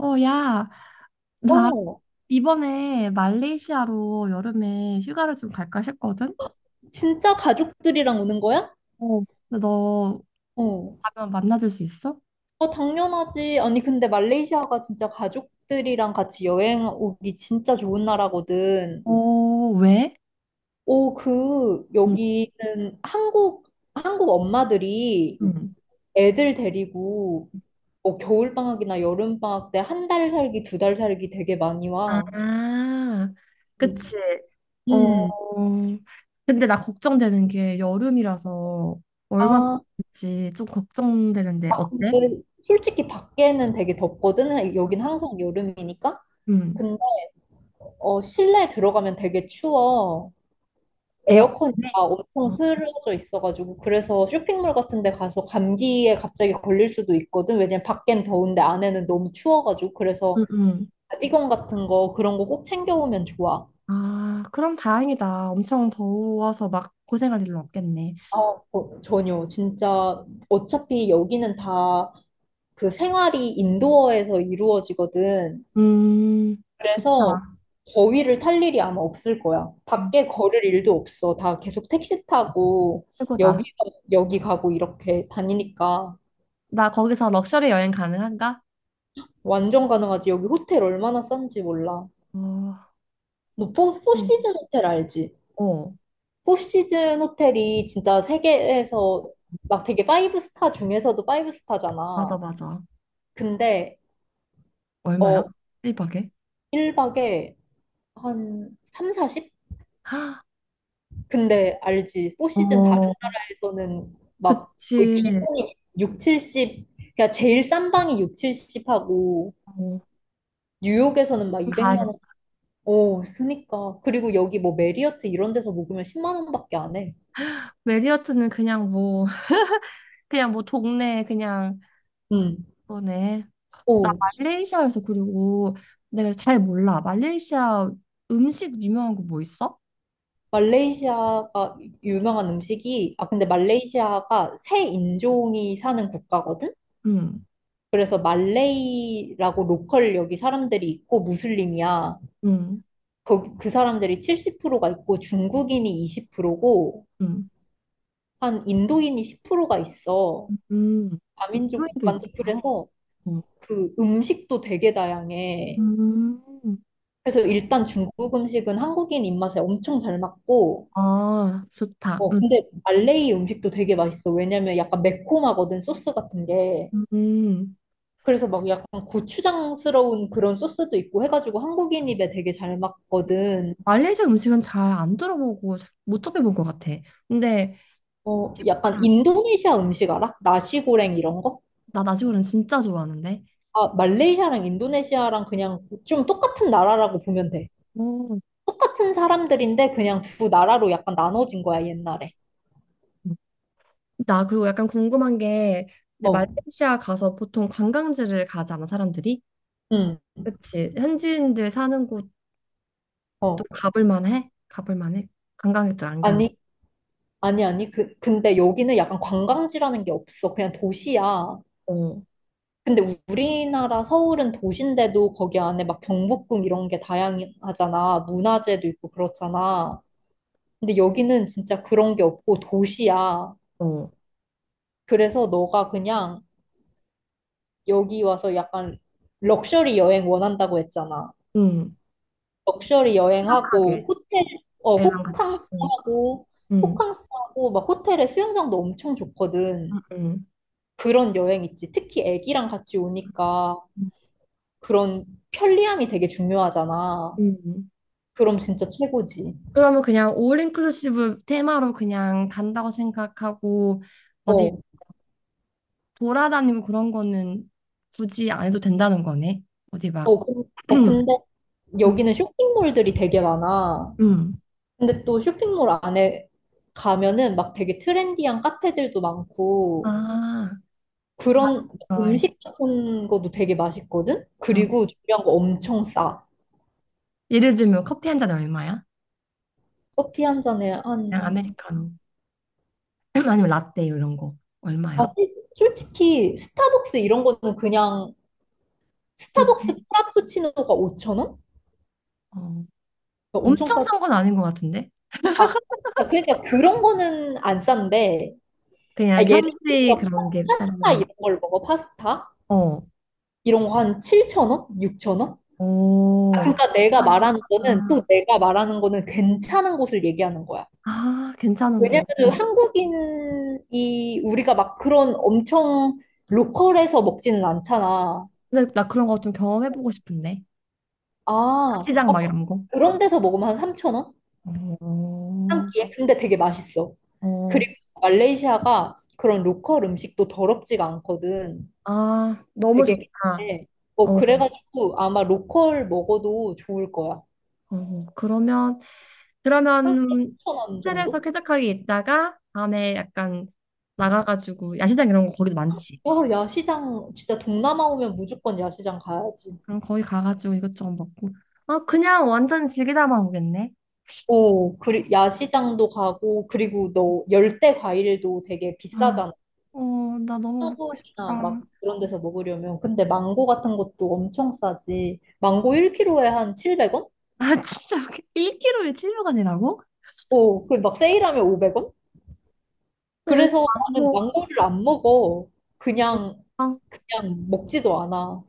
어, 야, 나 어, 이번에 말레이시아로 여름에 휴가를 좀 갈까 싶거든? 진짜 가족들이랑 오는 거야? 어. 근데 너 어. 가면 만나줄 수 있어? 어, 당연하지. 아니, 근데 말레이시아가 진짜 가족들이랑 같이 여행 오기 진짜 좋은 나라거든. 어, 왜? 오, 응, 여기는 한국 엄마들이 응. 애들 데리고 뭐 겨울방학이나 여름방학 때 한 달 살기, 두 달 살기 되게 많이 와. 아, 그치. 음. 어, 음. 근데 나 걱정되는 게 여름이라서 얼마나 아, 될지 좀 걱정되는데 어때? 근데 솔직히 밖에는 되게 덥거든. 여긴 항상 여름이니까. 응. 어, 실내 들어가면 되게 추워. 에어컨. 에어컨이 네. 막 엄청 어, 틀어져 있어가지고 그래서 쇼핑몰 같은 데 가서 감기에 갑자기 걸릴 수도 있거든. 왜냐면 밖엔 더운데 안에는 너무 추워가지고 그래서 응, 응. 가디건 같은 거 그런 거 꼭 챙겨오면 좋아. 아, 그럼 다행이다. 엄청 더워서 막 고생할 일은 없겠네. 아, 어, 전혀 진짜 어차피 여기는 다 그 생활이 인도어에서 이루어지거든. 음, 그래서 좋다. 거위를 탈 일이 아마 없을 거야. 밖에 어, 걸을 일도 없어. 다 계속 택시 타고 최고다. 여기 여기 가고 이렇게 다니니까 나 거기서 럭셔리 여행 가능한가? 완전 가능하지. 여기 호텔 얼마나 싼지 몰라. 어, 너 포, 또, 포시즌 호텔 알지? 어, 포시즌 호텔이 진짜 세계에서 막 되게 파이브 스타 중에서도 파이브 맞아, 스타잖아. 맞아. 근데 얼마야? 어 일박에. 1박에 한 3, 40? 아, 근데 알지. 포시즌 다른 어, 나라에서는 막 거의 그치. 기본이 6, 70, 그러니까 제일 싼 방이 6, 70 하고 어, 뉴욕에서는 막 200만 원. 가야겠다. 어, 그니까. 그리고 여기 뭐 메리어트 이런 데서 묵으면 10만 원밖에 안 해. 메리어트는 그냥 뭐, 그냥 뭐 동네, 그냥 응. 거네. 나 오, 말레이시아에서 그리고 내가 잘 몰라. 말레이시아 음식 유명한 거 뭐 있어? 말레이시아가 유명한 음식이, 아, 근데 말레이시아가 새 인종이 사는 국가거든? 응, 그래서 말레이라고 로컬 여기 사람들이 있고 무슬림이야. 응, 거기 그 사람들이 70%가 있고 중국인이 20%고 응, 한 인도인이 10%가 있어. 응. 다민족 인도에도 국가인데 있구나. 그래서 응. 그 음식도 되게 다양해. 음. 그래서 일단 중국 음식은 한국인 입맛에 엄청 잘 맞고 아, 좋다. 음. 근데 말레이 음식도 되게 맛있어. 왜냐면 약간 매콤하거든 소스 같은 게. 음. 그래서 막 약간 고추장스러운 그런 소스도 있고 해가지고 한국인 입에 되게 잘 맞거든. 말레이시아 음식은 잘 안 들어보고 잘 못 접해본 것 같아. 근데 어, 약간 아, 인도네시아 음식 알아? 나시고랭 이런 거? 나 나시고는 진짜 좋아하는데. 아, 말레이시아랑 인도네시아랑 그냥 좀 똑같은 나라라고 보면 돼. 오. 똑같은 사람들인데 그냥 두 나라로 약간 나눠진 거야, 옛날에. 나 그리고 약간 궁금한 게 근데 어, 말레이시아 가서 보통 관광지를 가잖아, 사람들이. 응, 그치. 현지인들 사는 곳도 어. 가볼 만해? 가볼 만해? 관광객들 안 가는. 아니, 아니, 아니. 근데 여기는 약간 관광지라는 게 없어. 그냥 도시야. 어, 근데 우리나라 서울은 도시인데도 거기 안에 막 경복궁 이런 게 다양하잖아. 문화재도 있고 그렇잖아. 근데 여기는 진짜 그런 게 없고 도시야. 어. 그래서 너가 그냥 여기 와서 약간 럭셔리 여행 원한다고 했잖아. 응. 럭셔리 푸석하게. 여행하고 호텔 어 애랑 같이. 응. 호캉스하고 응. 호캉스하고 막 호텔에 수영장도 엄청 좋거든. 응. 응. 그런 여행 있지. 특히 애기랑 같이 오니까 그런 편리함이 되게 중요하잖아. 응. 응. 그럼 진짜 최고지. 그러면 그냥 올 인클루시브 테마로 그냥 간다고 생각하고 어디 어, 돌아다니고 그런 거는 굳이 안 해도 된다는 거네. 어디 막 음, 근데 여기는 쇼핑몰들이 되게 많아. 음. 근데 또 쇼핑몰 안에 가면은 막 되게 트렌디한 카페들도 많고 아, 나 그런 좋아해. 음식 같은 것도 되게 맛있거든? 어. 그리고 중요한 거 엄청 싸. 예를 들면 커피 한 잔 얼마야? 커피 한 잔에 그냥 한, 아메리카노 아니면 라떼 이런 거 아, 얼마야? 솔직히 스타벅스 이런 거는 그냥 비슷해. 스타벅스 프라푸치노가 5천 원? 어. 그러니까 엄청 엄청 싸. 싼 건 아닌 것 같은데? 아, 그러니까 그런 거는 안 싼데, 아, 그냥 예를 현지 들어서 그런 게 싸라는 파스타 이런 거지. 걸 먹어, 파스타? 어. 이런 거 한 7천 원? 6천 원? 아, 오, 그러니까 내가 싸다. 말하는 거는 또 내가 말하는 거는 괜찮은 곳을 얘기하는 거야. 아, 괜찮은 거. 왜냐면은 한국인이 우리가 막 그런 엄청 로컬에서 먹지는 않잖아. 근데 나 그런 거 좀 경험해보고 싶은데. 아, 시장 어, 막 이런 거. 그런 데서 먹으면 한3천 원 한 어, 끼에? 근데 되게 맛있어. 어, 그리고 말레이시아가 그런 로컬 음식도 더럽지가 않거든. 아, 너무 되게 좋다. 깨끗해. 어, 어, 그래가지고 아마 로컬 먹어도 좋을 거야. 어, 그러면, 한3 그러면 천원 호텔에서 정도? 쾌적하게 있다가 밤에 약간 나가가지고 야시장 이런 거 거기도 많지. 야시장, 진짜 동남아 오면 무조건 야시장 가야지. 그럼 거기 가가지고 이것저것 먹고. 아, 그냥 완전 즐기다만 오겠네. 오, 야시장도 가고, 그리고 너 열대 과일도 되게 아, 비싸잖아. 어, 나 너무 먹고 한국이나 싶다. 막 그런 데서 먹으려면. 근데 망고 같은 것도 엄청 싸지. 망고 1kg에 한 700원? 아, 진짜. 1kg에 700원이라고? 오, 그리고 막 세일하면 500원? 나 요즘 그래서 안 나는 망고를 안 먹어. 그냥, 먹어. 그냥 먹지도 않아.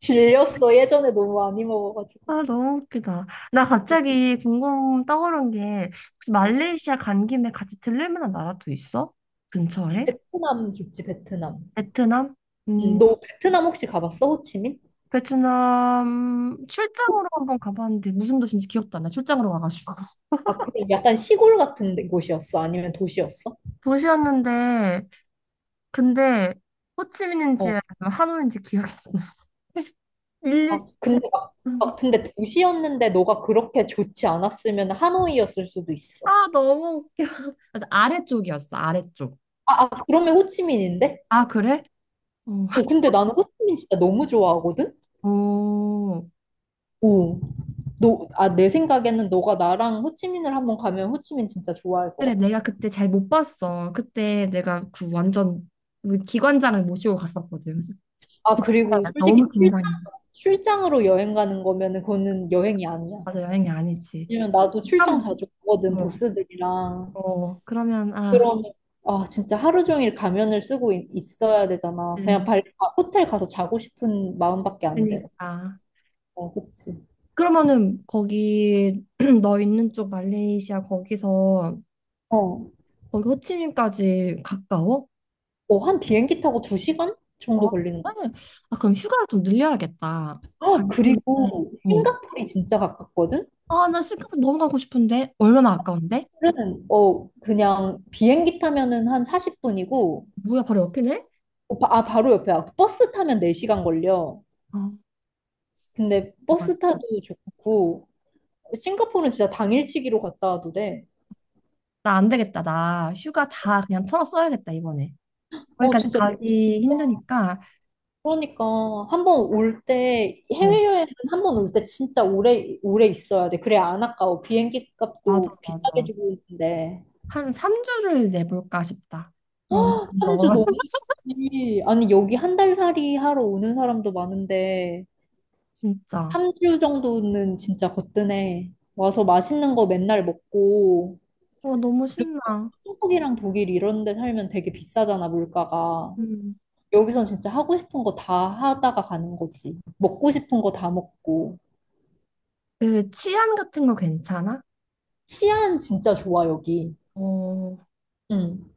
질렸어. 예전에 너무 많이 먹어가지고. 아, 너무 웃기다. 나 갑자기 궁금 떠오른 게, 혹시 그래서 말레이시아 간 김에 같이 들릴 만한 나라도 있어? 근처에? 베트남 좋지, 베트남. 베트남? 음, 너 베트남 혹시 가봤어? 호치민? 베트남 출장으로 한번 가봤는데, 무슨 도시인지 기억도 안 나. 출장으로 와가지고. 아, 그럼 약간 시골 같은 곳이었어? 아니면 도시였어? 도시였는데, 근데, 호치민인지 어. 아니면 하노이인지 기억이 일리 아, 진짜. 근데 막 근데 도시였는데 너가 그렇게 좋지 않았으면 하노이였을 수도 있어. 아, 너무 웃겨. 맞아, 아래쪽이었어, 아래쪽. 아, 아 그러면 호치민인데? 아, 그래? 어. 어, 근데 나는 호치민 진짜 너무 좋아하거든? 오. 오, 내 생각에는 너가 나랑 호치민을 한번 가면 호치민 진짜 좋아할 것 그래, 같아. 내가 그때 잘 못 봤어. 그때 내가 그 완전 우리 기관장을 모시고 갔었거든. 그래서 아, 그때 그리고 너무 솔직히 긴장했어. 출장으로 여행 가는 거면은 그거는 여행이 아니야. 맞아, 여행이 아니지. 왜냐면 나도 출장 참, 자주 가거든, 뭐, 보스들이랑. 어, 그러면, 아, 그러면 아, 진짜 하루 종일 가면을 쓰고 있어야 되잖아. 그냥 네, 호텔 가서 자고 싶은 마음밖에 안 들어. 그러니까. 어, 그치. 그러면은 거기 너 있는 쪽 말레이시아 거기서 어, 거기 호치민까지 가까워? 어, 한 비행기 타고 두 시간 어, 정도 걸리는 그래. 아, 그럼 휴가를 좀 늘려야겠다. 거야. 아, 가기는. 그리고 어. 싱가포르이 진짜 가깝거든? 아, 나 싱가포르 너무 가고 싶은데 얼마나 아까운데? 그 그냥 비행기 타면은 한 40분이고, 뭐야, 바로 옆이네? 아, 바로 옆이야. 버스 타면 4시간 걸려. 아, 근데 버스 타도 좋고, 싱가포르는 진짜 당일치기로 갔다 와도 돼. 나 안 되겠다. 나 휴가 다 그냥 털어 써야겠다, 이번에. 어, 거기까지 진짜 가기 힘드니까. 그러니까 한 번 올 때 어, 해외여행은 한 번 올 때 진짜 오래 오래 있어야 돼. 그래 안 아까워. 비행기 맞아, 값도 비싸게 맞아. 주고 있는데. 한 3주를 내볼까 싶다. 그럼 헉, 너 3주 너무 좋지. 아니 여기 한 달 살이 하러 오는 사람도 많은데 진짜. 3주 정도는 진짜 거뜬해. 와서 맛있는 거 맨날 먹고 어, 너무 그리고 신나. 한국이랑 독일 이런 데 살면 되게 비싸잖아 물가가. 음. 여기선 진짜 하고 싶은 거 다 하다가 가는 거지. 먹고 싶은 거 다 먹고. 그 치안 같은 거 괜찮아? 치안 진짜 좋아, 여기. 어, 응.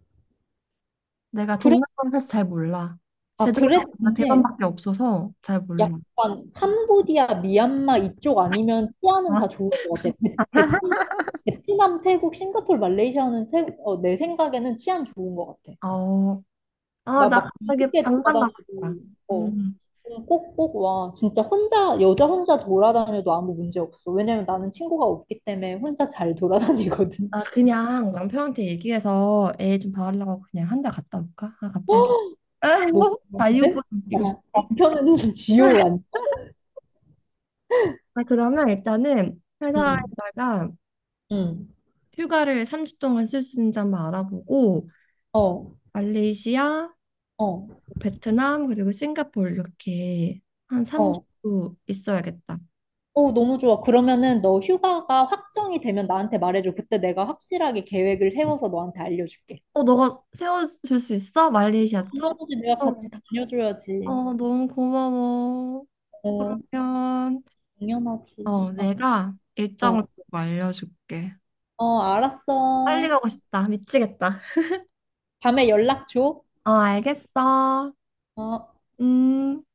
내가 그래, 동남아를 사실 잘 몰라. 아, 제주도가 그랬는데 대만밖에 없어서 잘 몰라. 약간 캄보디아, 미얀마 이쪽 아니면 치안은 아, 다 좋을 것 같아. 베트남, 태국, 싱가포르, 말레이시아는 내 생각에는 치안 좋은 것 같아. 어, 아, 나 나 막 갑자기 뒤늦게 당장 돌아다녀도 가고 싶다. 어, 음. 좀 꼭꼭 와. 진짜 혼자, 여자 혼자 돌아다녀도 아무 문제 없어. 왜냐면 나는 친구가 없기 때문에 혼자 잘 돌아다니거든. 아, 그냥 남편한테 얘기해서 애 좀 봐달라고 그냥 한 달 갔다 올까? 아, 갑자기. 너, 근데 자유분이 나 뛰고 싶네. 남편은 지옥 아니야. 아, 그러면 일단은 응. 회사에다가 응. 휴가를 3주 동안 쓸 수 있는지 한번 알아보고 어, 말레이시아, 어, 베트남, 그리고 싱가포르 이렇게 한 어. 3주 있어야겠다. 어, 너무 좋아. 그러면은 너 휴가가 확정이 되면 나한테 말해줘. 그때 내가 확실하게 계획을 세워서 너한테 알려줄게. 어, 너가 세워줄 수 있어? 말레이시아 쪽? 당연하지. 내가 어, 같이 다녀줘야지. 어, 너무 고마워. 어, 그러면 당연하지. 어, 어, 내가 일정을 어, 꼭 알려줄게. 어, 빨리 알았어. 가고 싶다. 미치겠다. 밤에 연락 줘. 어, 알겠어. 어. 음.